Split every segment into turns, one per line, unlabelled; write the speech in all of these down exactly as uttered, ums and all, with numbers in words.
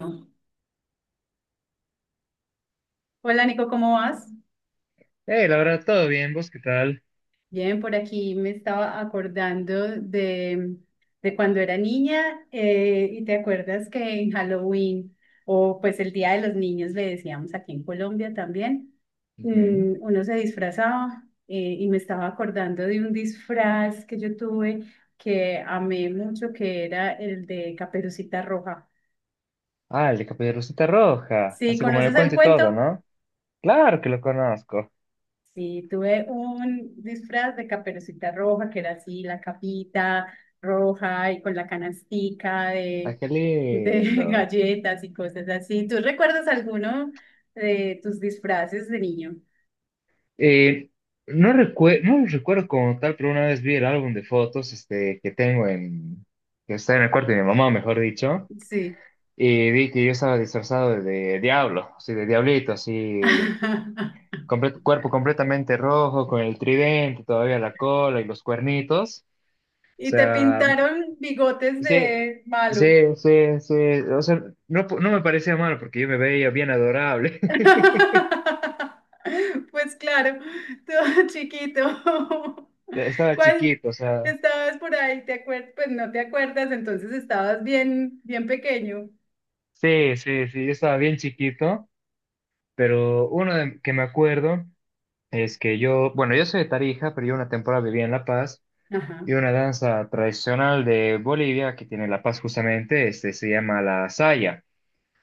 No. Hola Nico, ¿cómo vas?
Hey, la verdad, todo bien, ¿vos qué tal?
Bien, por aquí me estaba acordando de, de cuando era niña eh, y te acuerdas que en Halloween o pues el Día de los Niños le decíamos aquí en Colombia también.
Ujú.
Mm, uno se disfrazaba eh, y me estaba acordando de un disfraz que yo tuve que amé mucho, que era el de Caperucita Roja.
Ah, el de Caperucita Roja,
¿Sí
así como en el
conoces el
cuento y todo,
cuento?
¿no? Claro que lo conozco.
Sí, tuve un disfraz de Caperucita Roja, que era así, la capita roja y con la canastica
Ah,
de,
qué
de
lindo.
galletas y cosas así. ¿Tú recuerdas alguno de tus disfraces de niño?
Eh, no recue- no lo recuerdo como tal, pero una vez vi el álbum de fotos este, que tengo en, que está en el cuarto de mi mamá, mejor dicho,
Sí.
y vi que yo estaba disfrazado de, diablo, así de diablito, así, comple- cuerpo completamente rojo, con el tridente, todavía la cola y los cuernitos. O
¿Y te
sea,
pintaron bigotes
sí,
de malo?
sí, sí, sí. O sea, no, no me parecía malo porque yo me veía bien adorable.
Pues claro, todo chiquito.
Estaba
¿Cuál
chiquito, o sea,
estabas por ahí? ¿Te acuerdas? Pues no te acuerdas, entonces estabas bien, bien pequeño.
sí, sí, sí, yo estaba bien chiquito, pero uno de- que me acuerdo es que yo, bueno, yo soy de Tarija, pero yo una temporada vivía en La Paz
Ajá,
y una danza tradicional de Bolivia que tiene La Paz justamente, este, se llama la saya.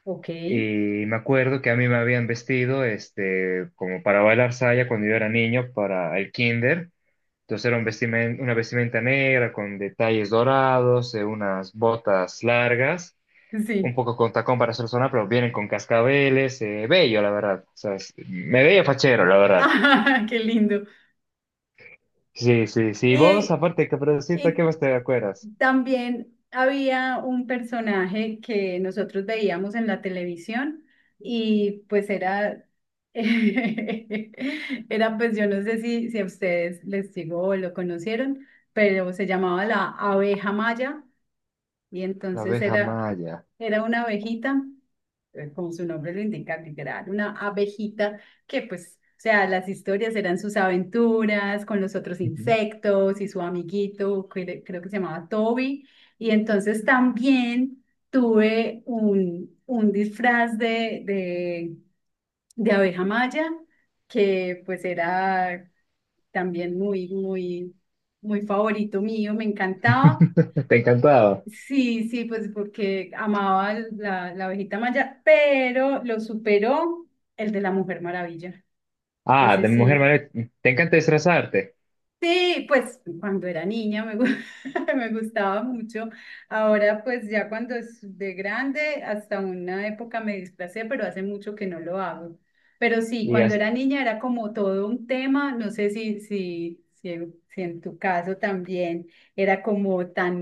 ok,
Y me acuerdo que a mí me habían vestido, este, como para bailar saya cuando yo era niño, para el kinder. Entonces era un vestimen- una vestimenta negra con detalles dorados, eh, unas botas largas, un
sí.
poco con tacón para hacer sonar, pero vienen con cascabeles, eh, bello, la verdad. O sea, es- me veía fachero, la verdad.
Ah, qué lindo.
Sí, sí, sí. Vos,
¿Y,
aparte, Caperucita, ¿qué
y
más te acuerdas?
también había un personaje que nosotros veíamos en la televisión y pues era, era pues yo no sé si, si a ustedes les digo o lo conocieron, pero se llamaba la abeja maya y
La
entonces
abeja
era,
maya.
era una abejita, eh, como su nombre lo indica, literal, una abejita que pues, o sea, las historias eran sus aventuras con los otros
Ujú.
insectos y su amiguito, que le- creo que se llamaba Toby. Y entonces también tuve un, un disfraz de, de, de abeja maya, que pues era también muy, muy, muy favorito mío, me encantaba.
Te encantaba.
Sí, sí, pues porque amaba el- la, la abejita Maya, pero lo superó el de la Mujer Maravilla.
Ah,
Ese
de Mujer
sí.
Maravilla. Te encanta disfrazarte.
Sí, pues cuando era niña me, gu- me gustaba mucho. Ahora pues ya cuando es de grande, hasta una época me displacé, pero hace mucho que no lo hago. Pero sí,
Y
cuando
as-
era niña era como todo un tema, no sé si, si, si, si en tu caso también era como tan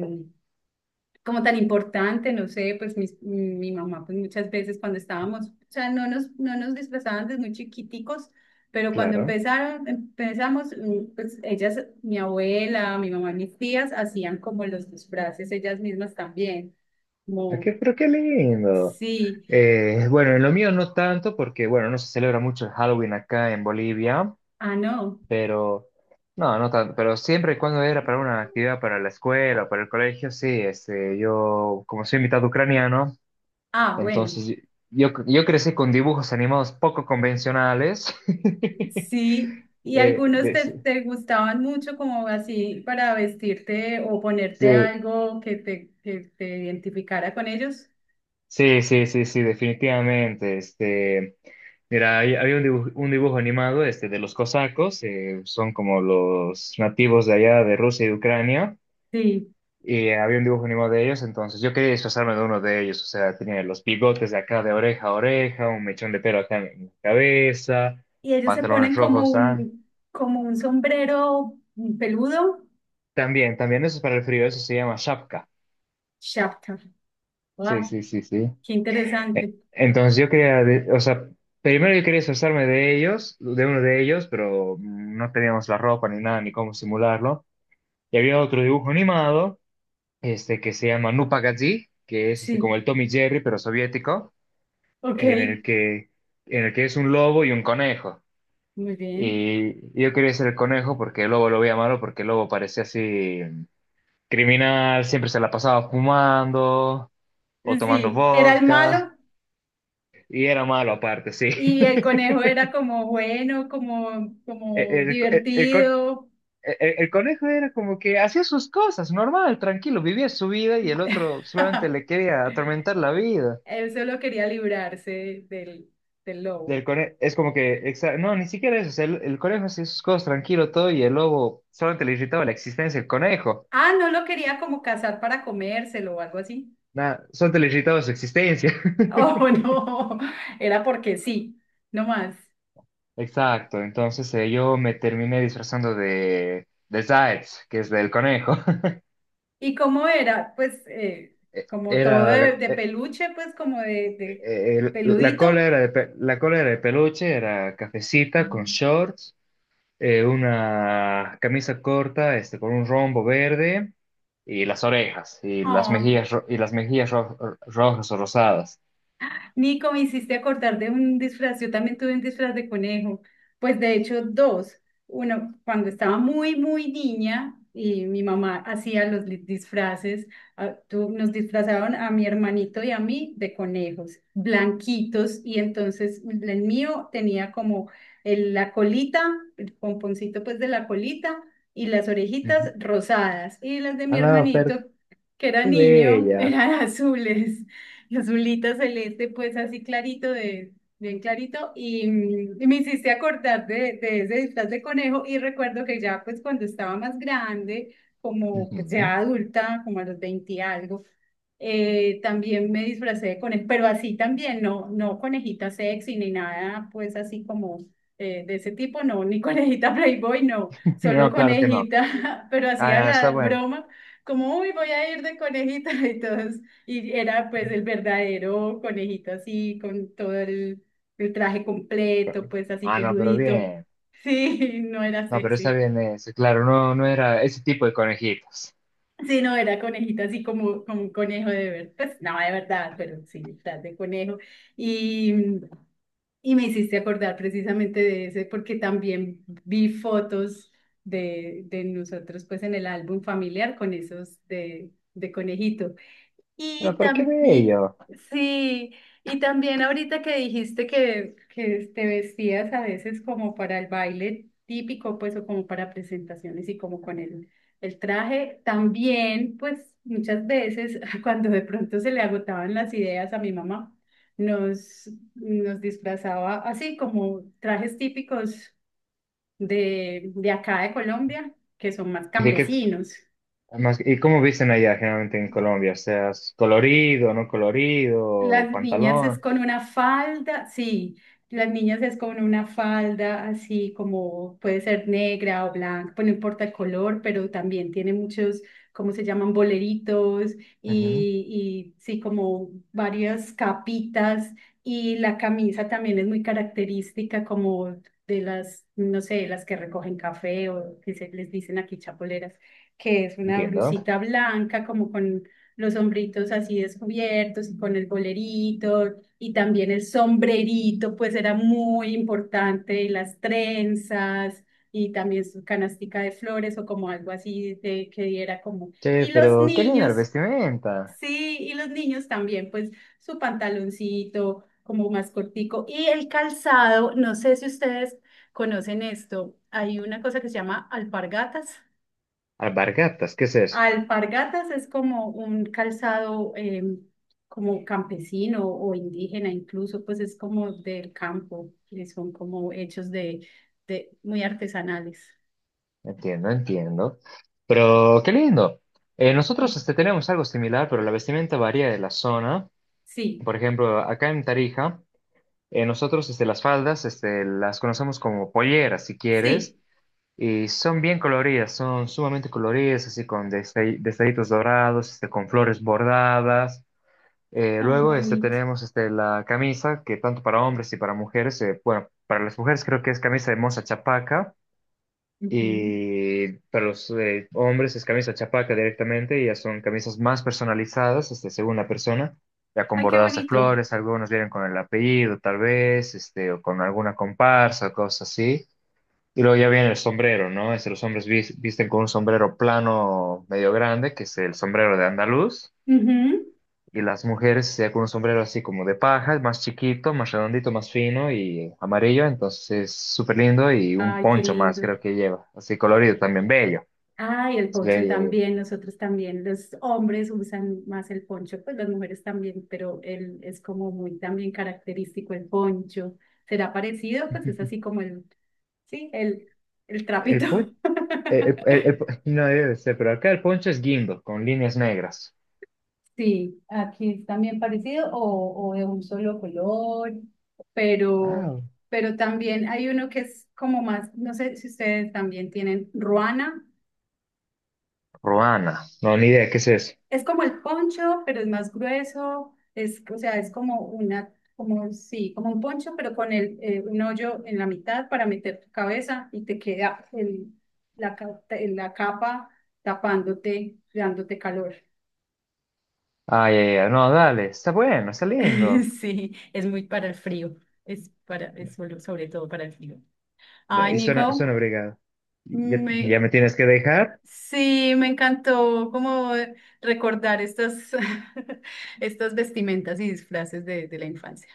como tan importante, no sé, pues mis- mi mamá, pues muchas veces cuando estábamos, o sea, no nos, no nos disfrazaban desde muy chiquiticos, pero cuando
claro.
empezaron, empezamos, mm, pues ellas, mi abuela, mi mamá, mis tías, hacían como los disfraces ellas mismas también,
¿A
como,
qué? Pero qué lindo.
sí,
Eh, bueno, en lo mío no tanto, porque, bueno, no se celebra mucho el Halloween acá en Bolivia.
ah, no,
Pero, no, no tanto, pero siempre y cuando era para una actividad para la escuela o para el colegio, sí, este, yo, como soy mitad ucraniano,
ah, bueno,
entonces yo, yo crecí con dibujos animados poco convencionales.
sí. Y
Eh,
algunos
de-
te,
sí,
te gustaban mucho como así para vestirte o ponerte
sí,
algo que te, que te identificara con ellos.
sí, sí, sí, sí, definitivamente, este, mira, hay- había un dibujo, un dibujo animado, este, de los cosacos, eh, son como los nativos de allá de Rusia y de Ucrania.
Sí.
Y había un dibujo animado de ellos, entonces yo quería disfrazarme de uno de ellos. O sea, tenía los bigotes de acá de oreja a oreja, un mechón de pelo acá en la cabeza,
Y ellos se
pantalones
ponen como
rojos. Ah.
un, como un sombrero peludo,
También, también eso es para el frío, eso se llama shapka.
shaftar.
Sí,
¡Guau!
sí, sí, sí.
Qué interesante.
Eh, entonces yo quería, de- o sea, primero yo quería disfrazarme de ellos, de uno de ellos, pero no teníamos la ropa ni nada, ni cómo simularlo. Y había otro dibujo animado, este, que se llama Nupagazí, que es este, como
Sí,
el Tom y Jerry, pero soviético.
ok,
en el que, en el que es un lobo y un conejo.
muy bien.
Y yo quería ser el conejo porque el lobo lo veía malo, porque el lobo parecía así criminal, siempre se la pasaba fumando o tomando
Sí, era el malo
vodka, y era malo aparte, sí.
y el conejo era como bueno, como,
El,
como
el- el con-
divertido.
el- el conejo era como que hacía sus cosas, normal, tranquilo, vivía su vida y el otro solamente le quería atormentar la vida.
Él solo quería librarse del, del lobo.
Del conejo, es como que, exa- no, ni siquiera eso, o sea, el, el conejo hacía sus cosas tranquilo todo y el lobo solamente le irritaba la existencia del conejo,
Ah, no lo quería como cazar para comérselo o algo así.
nada, solamente le irritaba su existencia.
Oh, no, era porque sí, no más.
Exacto, entonces eh, yo me terminé disfrazando de, de Zaitz, que es del conejo.
¿Y cómo era? Pues eh, como todo
Era,
de, de
eh, eh,
peluche, pues como de, de
eh, el- la cola
peludito.
era de, pe- la cola era de peluche, era cafecita con shorts. Eh, una camisa corta, este, con un rombo verde y las orejas y las
Oh,
mejillas ro- y las mejillas ro- rojas o rosadas.
Nico, me hiciste acordar de un disfraz. Yo también tuve un disfraz de conejo. Pues de hecho, dos. Uno, cuando estaba muy, muy niña y mi mamá hacía los li- disfraces, ah, tú, nos disfrazaban a mi hermanito y a mí de conejos, blanquitos. Y entonces el mío tenía como el- la colita, el pomponcito pues de la colita y las orejitas
Ujú.
rosadas. Y las de mi
Ah, no, pero
hermanito, que era
qué
niño,
bella.
eran azules. Azulita celeste, pues así clarito, de, bien clarito, y, mm, y me hiciste acordar de, de ese disfraz de conejo y recuerdo que ya pues cuando estaba más grande, como pues
Ujú.
ya adulta, como a los veinte y algo, eh, también me disfracé de conejo, pero así también, no, no conejita sexy ni nada, pues así como eh, de ese tipo, no, ni conejita Playboy, no, solo
No, claro que no.
conejita, pero
Ah,
hacía
no, está
la
bueno.
broma, como, uy, voy a ir de conejita y todos y era pues el verdadero conejito así, con todo el, el traje completo, pues así
Ah, no, pero
peludito.
bien.
Sí, no era
No, pero está
sexy.
bien ese, claro, no, no era ese tipo de conejitos.
Sí, no, era conejito así como, como un conejo de verdad. Pues no, de verdad, pero sí, estás de conejo. Y, y me hiciste acordar precisamente de ese, porque también vi fotos de, de nosotros pues en el álbum familiar con esos de, de conejito.
No,
Y
pero qué
también,
bello.
sí, y también ahorita que dijiste que, que te vestías a veces como para el baile típico, pues, o como para presentaciones y como con el, el traje, también, pues, muchas veces cuando de pronto se le agotaban las ideas a mi mamá, nos, nos disfrazaba así como trajes típicos de, de acá de Colombia, que son más
¿Y de qué
campesinos.
más, y cómo visten allá generalmente en Colombia? O sea, ¿es colorido, no colorido,
Las niñas es
pantalón?
con una falda, sí, las niñas es con una falda así como puede ser negra o blanca, pues no importa el color, pero también tiene muchos, ¿cómo se llaman? Boleritos y, y sí, como varias capitas y la camisa también es muy característica como de las, no sé, las que recogen café o que se les dicen aquí chapoleras, que es una
Entiendo.
blusita blanca como con los hombritos así descubiertos y con el bolerito y también el sombrerito, pues era muy importante, y las trenzas y también su canastica de flores o como algo así de, que diera como...
Che,
Y los
pero qué linda la
niños,
vestimenta.
sí, y los niños también, pues su pantaloncito como más cortico y el calzado, no sé si ustedes conocen esto, hay una cosa que se llama alpargatas.
Alpargatas, ¿qué es eso?
Alpargatas es como un calzado eh, como campesino o indígena, incluso pues es como del campo, y son como hechos de, de muy artesanales.
Entiendo, entiendo. Pero qué lindo. Eh, nosotros este, tenemos algo similar, pero la vestimenta varía de la zona.
Sí,
Por ejemplo, acá en Tarija, eh, nosotros este, las faldas este, las conocemos como polleras, si quieres,
sí,
y son bien coloridas, son sumamente coloridas, así con destall- detallitos dorados, este, con flores bordadas. Eh,
tan
luego este,
bonito.
tenemos este, la camisa, que tanto para hombres y para mujeres, eh, bueno, para las mujeres creo que es camisa de moza chapaca
Ujú.
y para los eh, hombres es camisa chapaca directamente, y ya son camisas más personalizadas, este, según la persona, ya con
Ay, qué
bordados de
bonito.
flores, algunos vienen con el apellido tal vez, este, o con alguna comparsa, cosas así. Y luego ya viene el sombrero, ¿no? Este, los hombres vis- visten con un sombrero plano medio grande, que es el sombrero de andaluz.
Ujú.
Y las mujeres ya con un sombrero así como de paja, más chiquito, más redondito, más fino y amarillo, entonces es súper lindo y un
Ay, qué
poncho más
lindo.
creo que lleva, así colorido también, bello.
Ah, y el
Es
poncho
bello.
también, nosotros también, los hombres usan más el poncho, pues las mujeres también, pero él es como muy también característico el poncho. ¿Será parecido? Pues es así como el, sí, el, el trapito.
El pon el el el- no debe ser, pero acá el poncho es guindo, con líneas negras.
Sí, aquí es también parecido o, o de un solo color, pero,
Ah,
pero también hay uno que es como más, no sé si ustedes también tienen ruana.
Ruana, no, ni idea, ¿qué es eso?
Es como el poncho, pero es más grueso, es, o sea, es como una, como, sí, como un poncho, pero con el, eh, un hoyo en la mitad para meter tu cabeza y te queda el, la, ca- te- la capa tapándote, dándote calor.
Ay, ay, ay, no, dale, está bueno, está lindo.
Sí, es muy para el frío, es para, es solo- sobre todo para el frío.
No,
Ay,
y suena,
Nico,
suena brigado. Ya, ya
me,
me tienes que dejar.
sí, me encantó como recordar estas, estas vestimentas y disfraces de, de la infancia.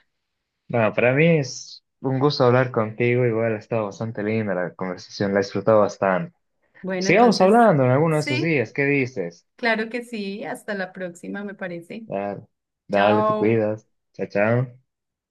Bueno, para mí es un gusto hablar contigo. Igual ha estado bastante linda la conversación, la he disfrutado bastante.
Bueno,
Sigamos
entonces,
hablando en alguno de estos
sí,
días. ¿Qué dices?
claro que sí. Hasta la próxima, me parece.
Dale, dale, te
Chao.
cuidas. Chao, chao.